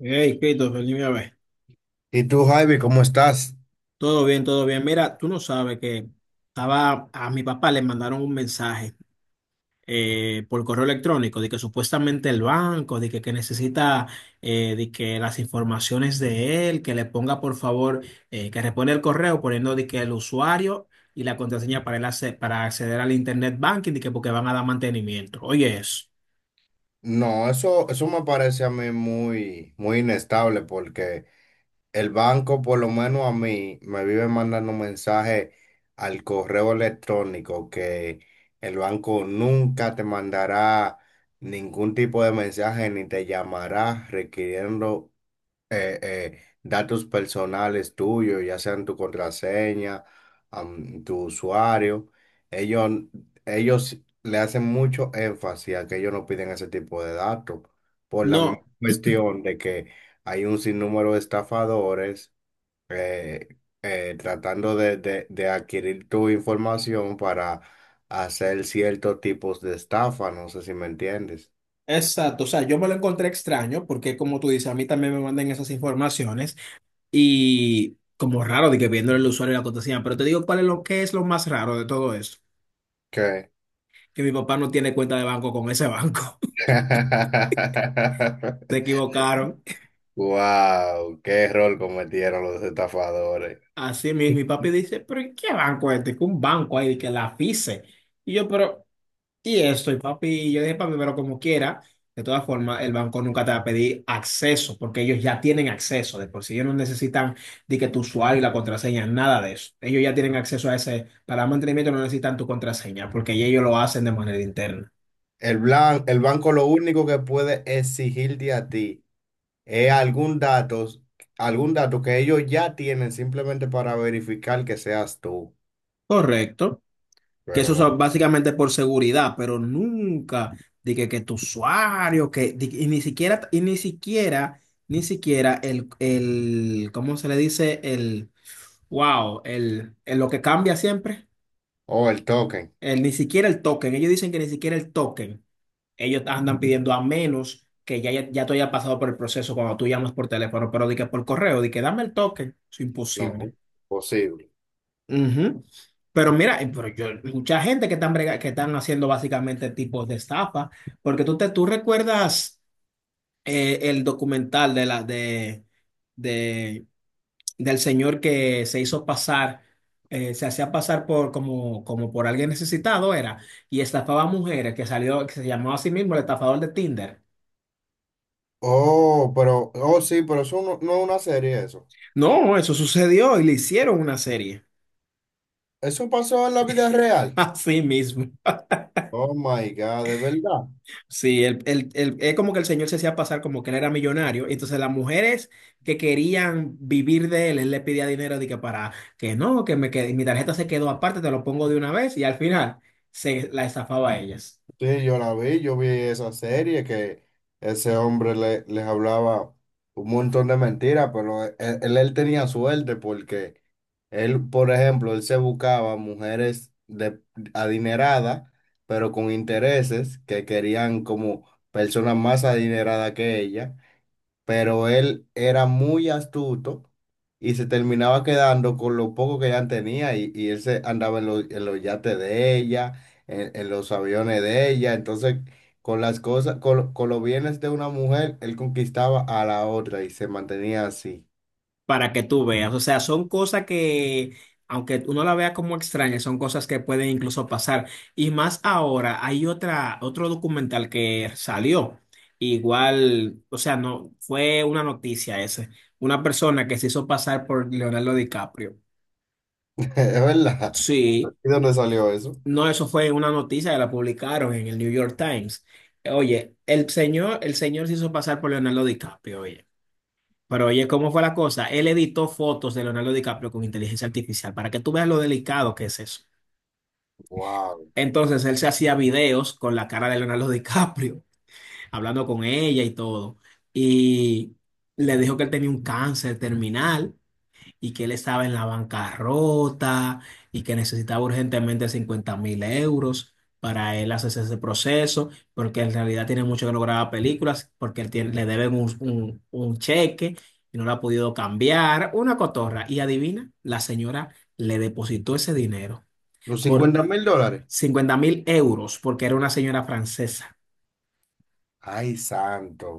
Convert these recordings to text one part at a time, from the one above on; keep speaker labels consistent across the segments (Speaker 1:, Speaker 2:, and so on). Speaker 1: Hey, Christopher, dime a ver.
Speaker 2: ¿Y tú, Javi, cómo estás?
Speaker 1: Todo bien, todo bien. Mira, tú no sabes que estaba a mi papá le mandaron un mensaje por correo electrónico de que supuestamente el banco, que necesita de que las informaciones de él, que le ponga por favor, que repone el correo poniendo de que el usuario y la contraseña para él para acceder al internet banking, de que porque van a dar mantenimiento. Oye, eso.
Speaker 2: No, eso me parece a mí muy, muy inestable porque el banco, por lo menos a mí, me vive mandando mensajes al correo electrónico que el banco nunca te mandará ningún tipo de mensaje ni te llamará requiriendo datos personales tuyos, ya sean tu contraseña, tu usuario. Ellos, ellos le hacen mucho énfasis a que ellos no piden ese tipo de datos, por la misma
Speaker 1: No.
Speaker 2: cuestión de que hay un sinnúmero de estafadores tratando de adquirir tu información para hacer ciertos tipos de estafa, no sé si me entiendes.
Speaker 1: Exacto, o sea, yo me lo encontré extraño porque como tú dices, a mí también me mandan esas informaciones. Y como raro de que viéndole el usuario y la contraseña, pero te digo cuál es lo que es lo más raro de todo esto.
Speaker 2: ¿Qué?
Speaker 1: Que mi papá no tiene cuenta de banco con ese banco. Se equivocaron.
Speaker 2: Wow, qué error cometieron los estafadores.
Speaker 1: Así mismo, mi papi dice, pero ¿y qué banco es este? Que un banco ahí, que la FISE. Y yo, pero y esto, y papi, yo dije, papi, pero como quiera, de todas formas, el banco nunca te va a pedir acceso, porque ellos ya tienen acceso, de por sí ellos no necesitan de que tu usuario y la contraseña, nada de eso. Ellos ya tienen acceso a ese, para mantenimiento no necesitan tu contraseña, porque ya ellos lo hacen de manera interna.
Speaker 2: El, blan- el banco lo único que puede exigirte a ti es algún dato que ellos ya tienen simplemente para verificar que seas tú,
Speaker 1: Correcto. Que eso
Speaker 2: pero no.
Speaker 1: es básicamente por seguridad, pero nunca de que tu usuario, y ni siquiera, ni siquiera ¿cómo se le dice? Wow, el lo que cambia siempre,
Speaker 2: O el token,
Speaker 1: el, ni siquiera el token. Ellos dicen que ni siquiera el token. Ellos andan pidiendo a menos que ya, ya, ya tú hayas pasado por el proceso cuando tú llamas por teléfono, pero di que por correo, di que dame el token. Es
Speaker 2: no,
Speaker 1: imposible.
Speaker 2: posible.
Speaker 1: Ujú. Pero mira, pero yo, mucha gente que están, que están haciendo básicamente tipos de estafa, porque tú recuerdas el documental de del señor que se hizo pasar, se hacía pasar por como, como por alguien necesitado era, y estafaba a mujeres que salió, que se llamaba a sí mismo el estafador de Tinder.
Speaker 2: Oh, pero, oh sí, pero eso no, no es una serie eso.
Speaker 1: No, eso sucedió y le hicieron una serie.
Speaker 2: Eso pasó en la vida real.
Speaker 1: Así mismo.
Speaker 2: Oh my God, de verdad.
Speaker 1: Sí, es como que el señor se hacía pasar como que él era millonario. Entonces las mujeres que querían vivir de él, él le pedía dinero de que para que no, mi tarjeta se quedó aparte, te lo pongo de una vez y al final se la estafaba a ellas.
Speaker 2: Sí, yo la vi, yo vi esa serie que ese hombre le- les hablaba un montón de mentiras, pero él, él tenía suerte porque él, por ejemplo, él se buscaba mujeres de, adineradas, pero con intereses que querían como personas más adineradas que ella, pero él era muy astuto y se terminaba quedando con lo poco que ella tenía y él se andaba en los yates de ella, en los aviones de ella, entonces con las cosas, con los bienes de una mujer, él conquistaba a la otra y se mantenía así.
Speaker 1: Para que tú veas. O sea, son cosas que, aunque uno la vea como extraña, son cosas que pueden incluso pasar. Y más ahora, hay otro documental que salió. Igual, o sea, no fue una noticia ese. Una persona que se hizo pasar por Leonardo DiCaprio.
Speaker 2: Es verdad.
Speaker 1: Sí,
Speaker 2: ¿Y dónde salió eso?
Speaker 1: no, eso fue una noticia que la publicaron en el New York Times. Oye, el señor se hizo pasar por Leonardo DiCaprio, oye. Pero oye, ¿cómo fue la cosa? Él editó fotos de Leonardo DiCaprio con inteligencia artificial para que tú veas lo delicado que es eso.
Speaker 2: Wow.
Speaker 1: Entonces él se hacía videos con la cara de Leonardo DiCaprio, hablando con ella y todo. Y le dijo que él tenía un cáncer terminal y que él estaba en la bancarrota y que necesitaba urgentemente 50.000 euros para él hacerse ese proceso, porque en realidad tiene mucho que no graba películas, porque él le deben un cheque y no lo ha podido cambiar, una cotorra. Y adivina, la señora le depositó ese dinero
Speaker 2: Los
Speaker 1: por
Speaker 2: $50,000.
Speaker 1: 50.000 euros, porque era una señora francesa.
Speaker 2: Ay, santo.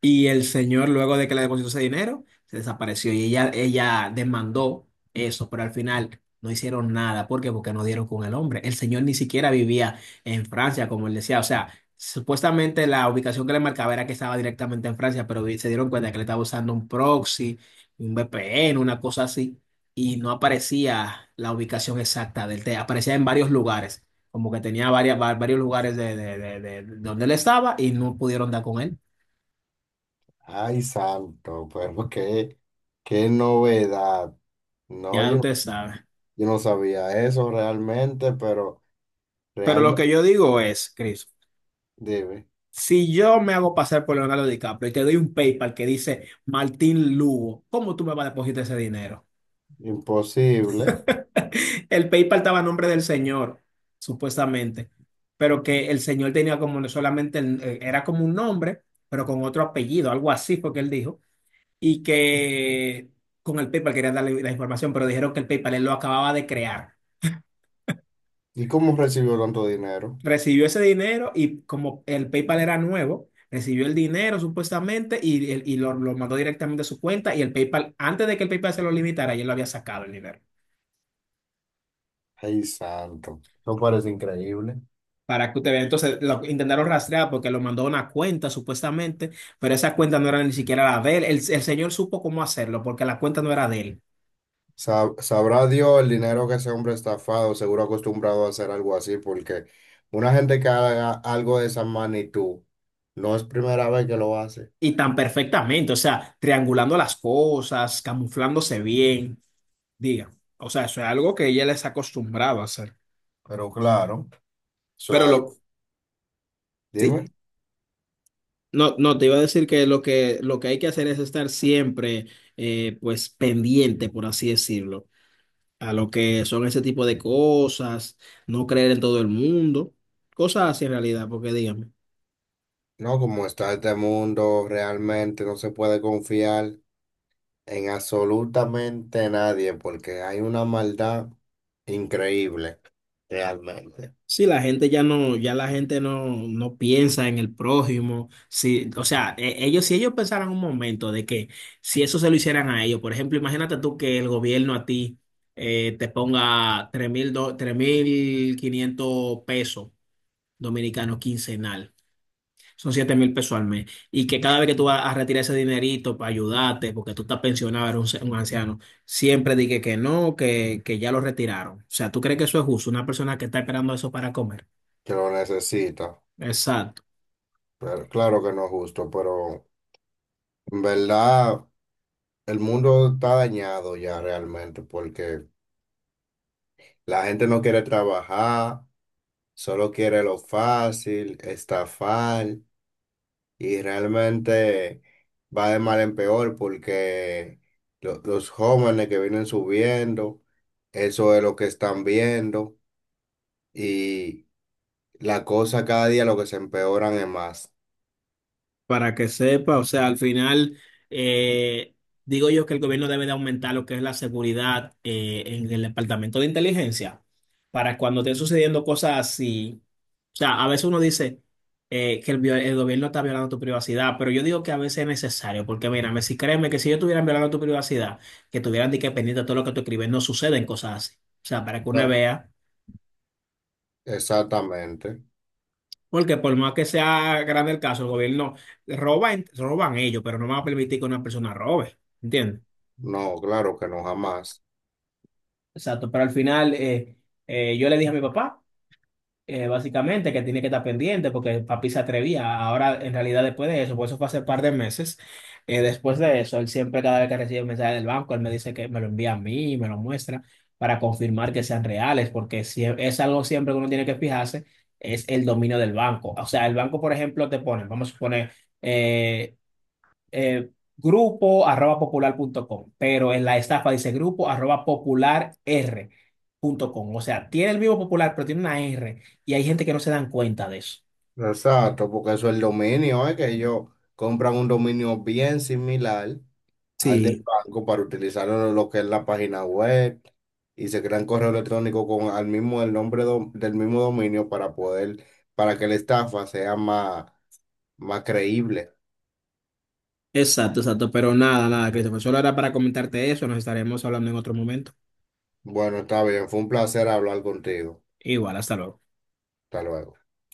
Speaker 1: Y el señor, luego de que le depositó ese dinero, se desapareció y ella demandó eso, pero al final no hicieron nada. ¿Por qué? Porque no dieron con el hombre. El señor ni siquiera vivía en Francia, como él decía. O sea, supuestamente la ubicación que le marcaba era que estaba directamente en Francia, pero se dieron cuenta que le estaba usando un proxy, un VPN, una cosa así, y no aparecía la ubicación exacta del té. Aparecía en varios lugares, como que tenía varios lugares de donde él estaba y no pudieron dar con él.
Speaker 2: Ay, santo. Pero qué, qué novedad. No,
Speaker 1: Ya
Speaker 2: yo
Speaker 1: usted sabe.
Speaker 2: Yo no sabía eso realmente, pero
Speaker 1: Pero lo que
Speaker 2: realmente
Speaker 1: yo digo es, Chris,
Speaker 2: debe.
Speaker 1: si yo me hago pasar por Leonardo DiCaprio y te doy un PayPal que dice Martín Lugo, ¿cómo tú me vas a depositar ese dinero?
Speaker 2: Imposible.
Speaker 1: El PayPal estaba a nombre del señor, supuestamente, pero que el señor tenía como no solamente, era como un nombre, pero con otro apellido, algo así fue que él dijo, y que con el PayPal querían darle la información, pero dijeron que el PayPal él lo acababa de crear.
Speaker 2: ¿Y cómo recibió tanto dinero?
Speaker 1: Recibió ese dinero y como el PayPal era nuevo, recibió el dinero supuestamente y, y lo mandó directamente a su cuenta y el PayPal, antes de que el PayPal se lo limitara, ya lo había sacado el dinero.
Speaker 2: Ay, santo. Eso parece increíble.
Speaker 1: Para que usted vea, entonces lo intentaron rastrear porque lo mandó a una cuenta supuestamente, pero esa cuenta no era ni siquiera la de él. El señor supo cómo hacerlo porque la cuenta no era de él.
Speaker 2: Sa- sabrá Dios el dinero que ese hombre estafado, seguro acostumbrado a hacer algo así, porque una gente que haga algo de esa magnitud no es primera vez que lo hace.
Speaker 1: Y tan perfectamente, o sea, triangulando las cosas, camuflándose bien, diga. O sea, eso es algo que ella les ha acostumbrado a hacer.
Speaker 2: Pero claro, eso es
Speaker 1: Pero
Speaker 2: algo.
Speaker 1: lo, sí,
Speaker 2: Dime,
Speaker 1: no, no, te iba a decir que lo que, lo que hay que hacer es estar siempre, pues, pendiente, por así decirlo, a lo que son ese tipo de cosas, no creer en todo el mundo, cosas así en realidad, porque dígame,
Speaker 2: no, como está este mundo, realmente no se puede confiar. En absolutamente nadie, porque hay una maldad increíble, realmente,
Speaker 1: si la gente ya no, ya la gente no piensa en el prójimo, si, o sea, ellos, si ellos pensaran un momento de que si eso se lo hicieran a ellos, por ejemplo, imagínate tú que el gobierno a ti te ponga 3.500 pesos dominicano quincenal. Son 7.000 pesos al mes. Y que cada vez que tú vas a retirar ese dinerito para ayudarte, porque tú estás pensionado, eres un, un anciano, siempre dije que no, que ya lo retiraron. O sea, ¿tú crees que eso es justo? Una persona que está esperando eso para comer.
Speaker 2: que lo necesita.
Speaker 1: Exacto.
Speaker 2: Pero claro que no es justo, pero en verdad el mundo está dañado ya realmente, porque la gente no quiere trabajar, solo quiere lo fácil, estafar, y realmente va de mal en peor porque los jóvenes que vienen subiendo, eso es lo que están viendo. Y la cosa cada día lo que se empeoran es más.
Speaker 1: Para que sepa, o sea, al final eh, digo yo que el gobierno debe de aumentar lo que es la seguridad en el departamento de inteligencia para cuando estén sucediendo cosas así. O sea, a veces uno dice que el gobierno está violando tu privacidad, pero yo digo que a veces es necesario, porque mírame, si créeme que si yo estuviera violando tu privacidad, que tuvieran de que pendiente de todo lo que tú escribes, no suceden cosas así. O sea, para que uno
Speaker 2: No,
Speaker 1: vea.
Speaker 2: exactamente.
Speaker 1: Porque por más que sea grande el caso, el gobierno roba, roban ellos, pero no van a permitir que una persona robe, ¿entiendes?
Speaker 2: No, claro que no, jamás.
Speaker 1: Exacto, pero al final yo le dije a mi papá, básicamente, que tiene que estar pendiente porque papi se atrevía. Ahora, en realidad, después de eso, por eso fue hace un par de meses, después de eso, él siempre, cada vez que recibe un mensaje del banco, él me dice que me lo envía a mí, me lo muestra para confirmar que sean reales, porque si es algo siempre que uno tiene que fijarse, es el dominio del banco. O sea, el banco, por ejemplo, te pone, vamos a suponer, eh, eh, grupo arroba popular.com, pero en la estafa dice grupo arroba popularr.com. O sea, tiene el mismo popular, pero tiene una R y hay gente que no se dan cuenta de eso.
Speaker 2: Exacto, porque eso es el dominio, es que ellos compran un dominio bien similar al del
Speaker 1: Sí,
Speaker 2: banco para utilizarlo en lo que es la página web y se crean correo electrónico con al mismo el nombre del mismo dominio para poder, para que la estafa sea más, más creíble.
Speaker 1: exacto, exacto. Pero nada, nada, Christopher. Solo era para comentarte eso. Nos estaremos hablando en otro momento.
Speaker 2: Bueno, está bien, fue un placer hablar contigo.
Speaker 1: Igual, hasta luego.
Speaker 2: Hasta luego.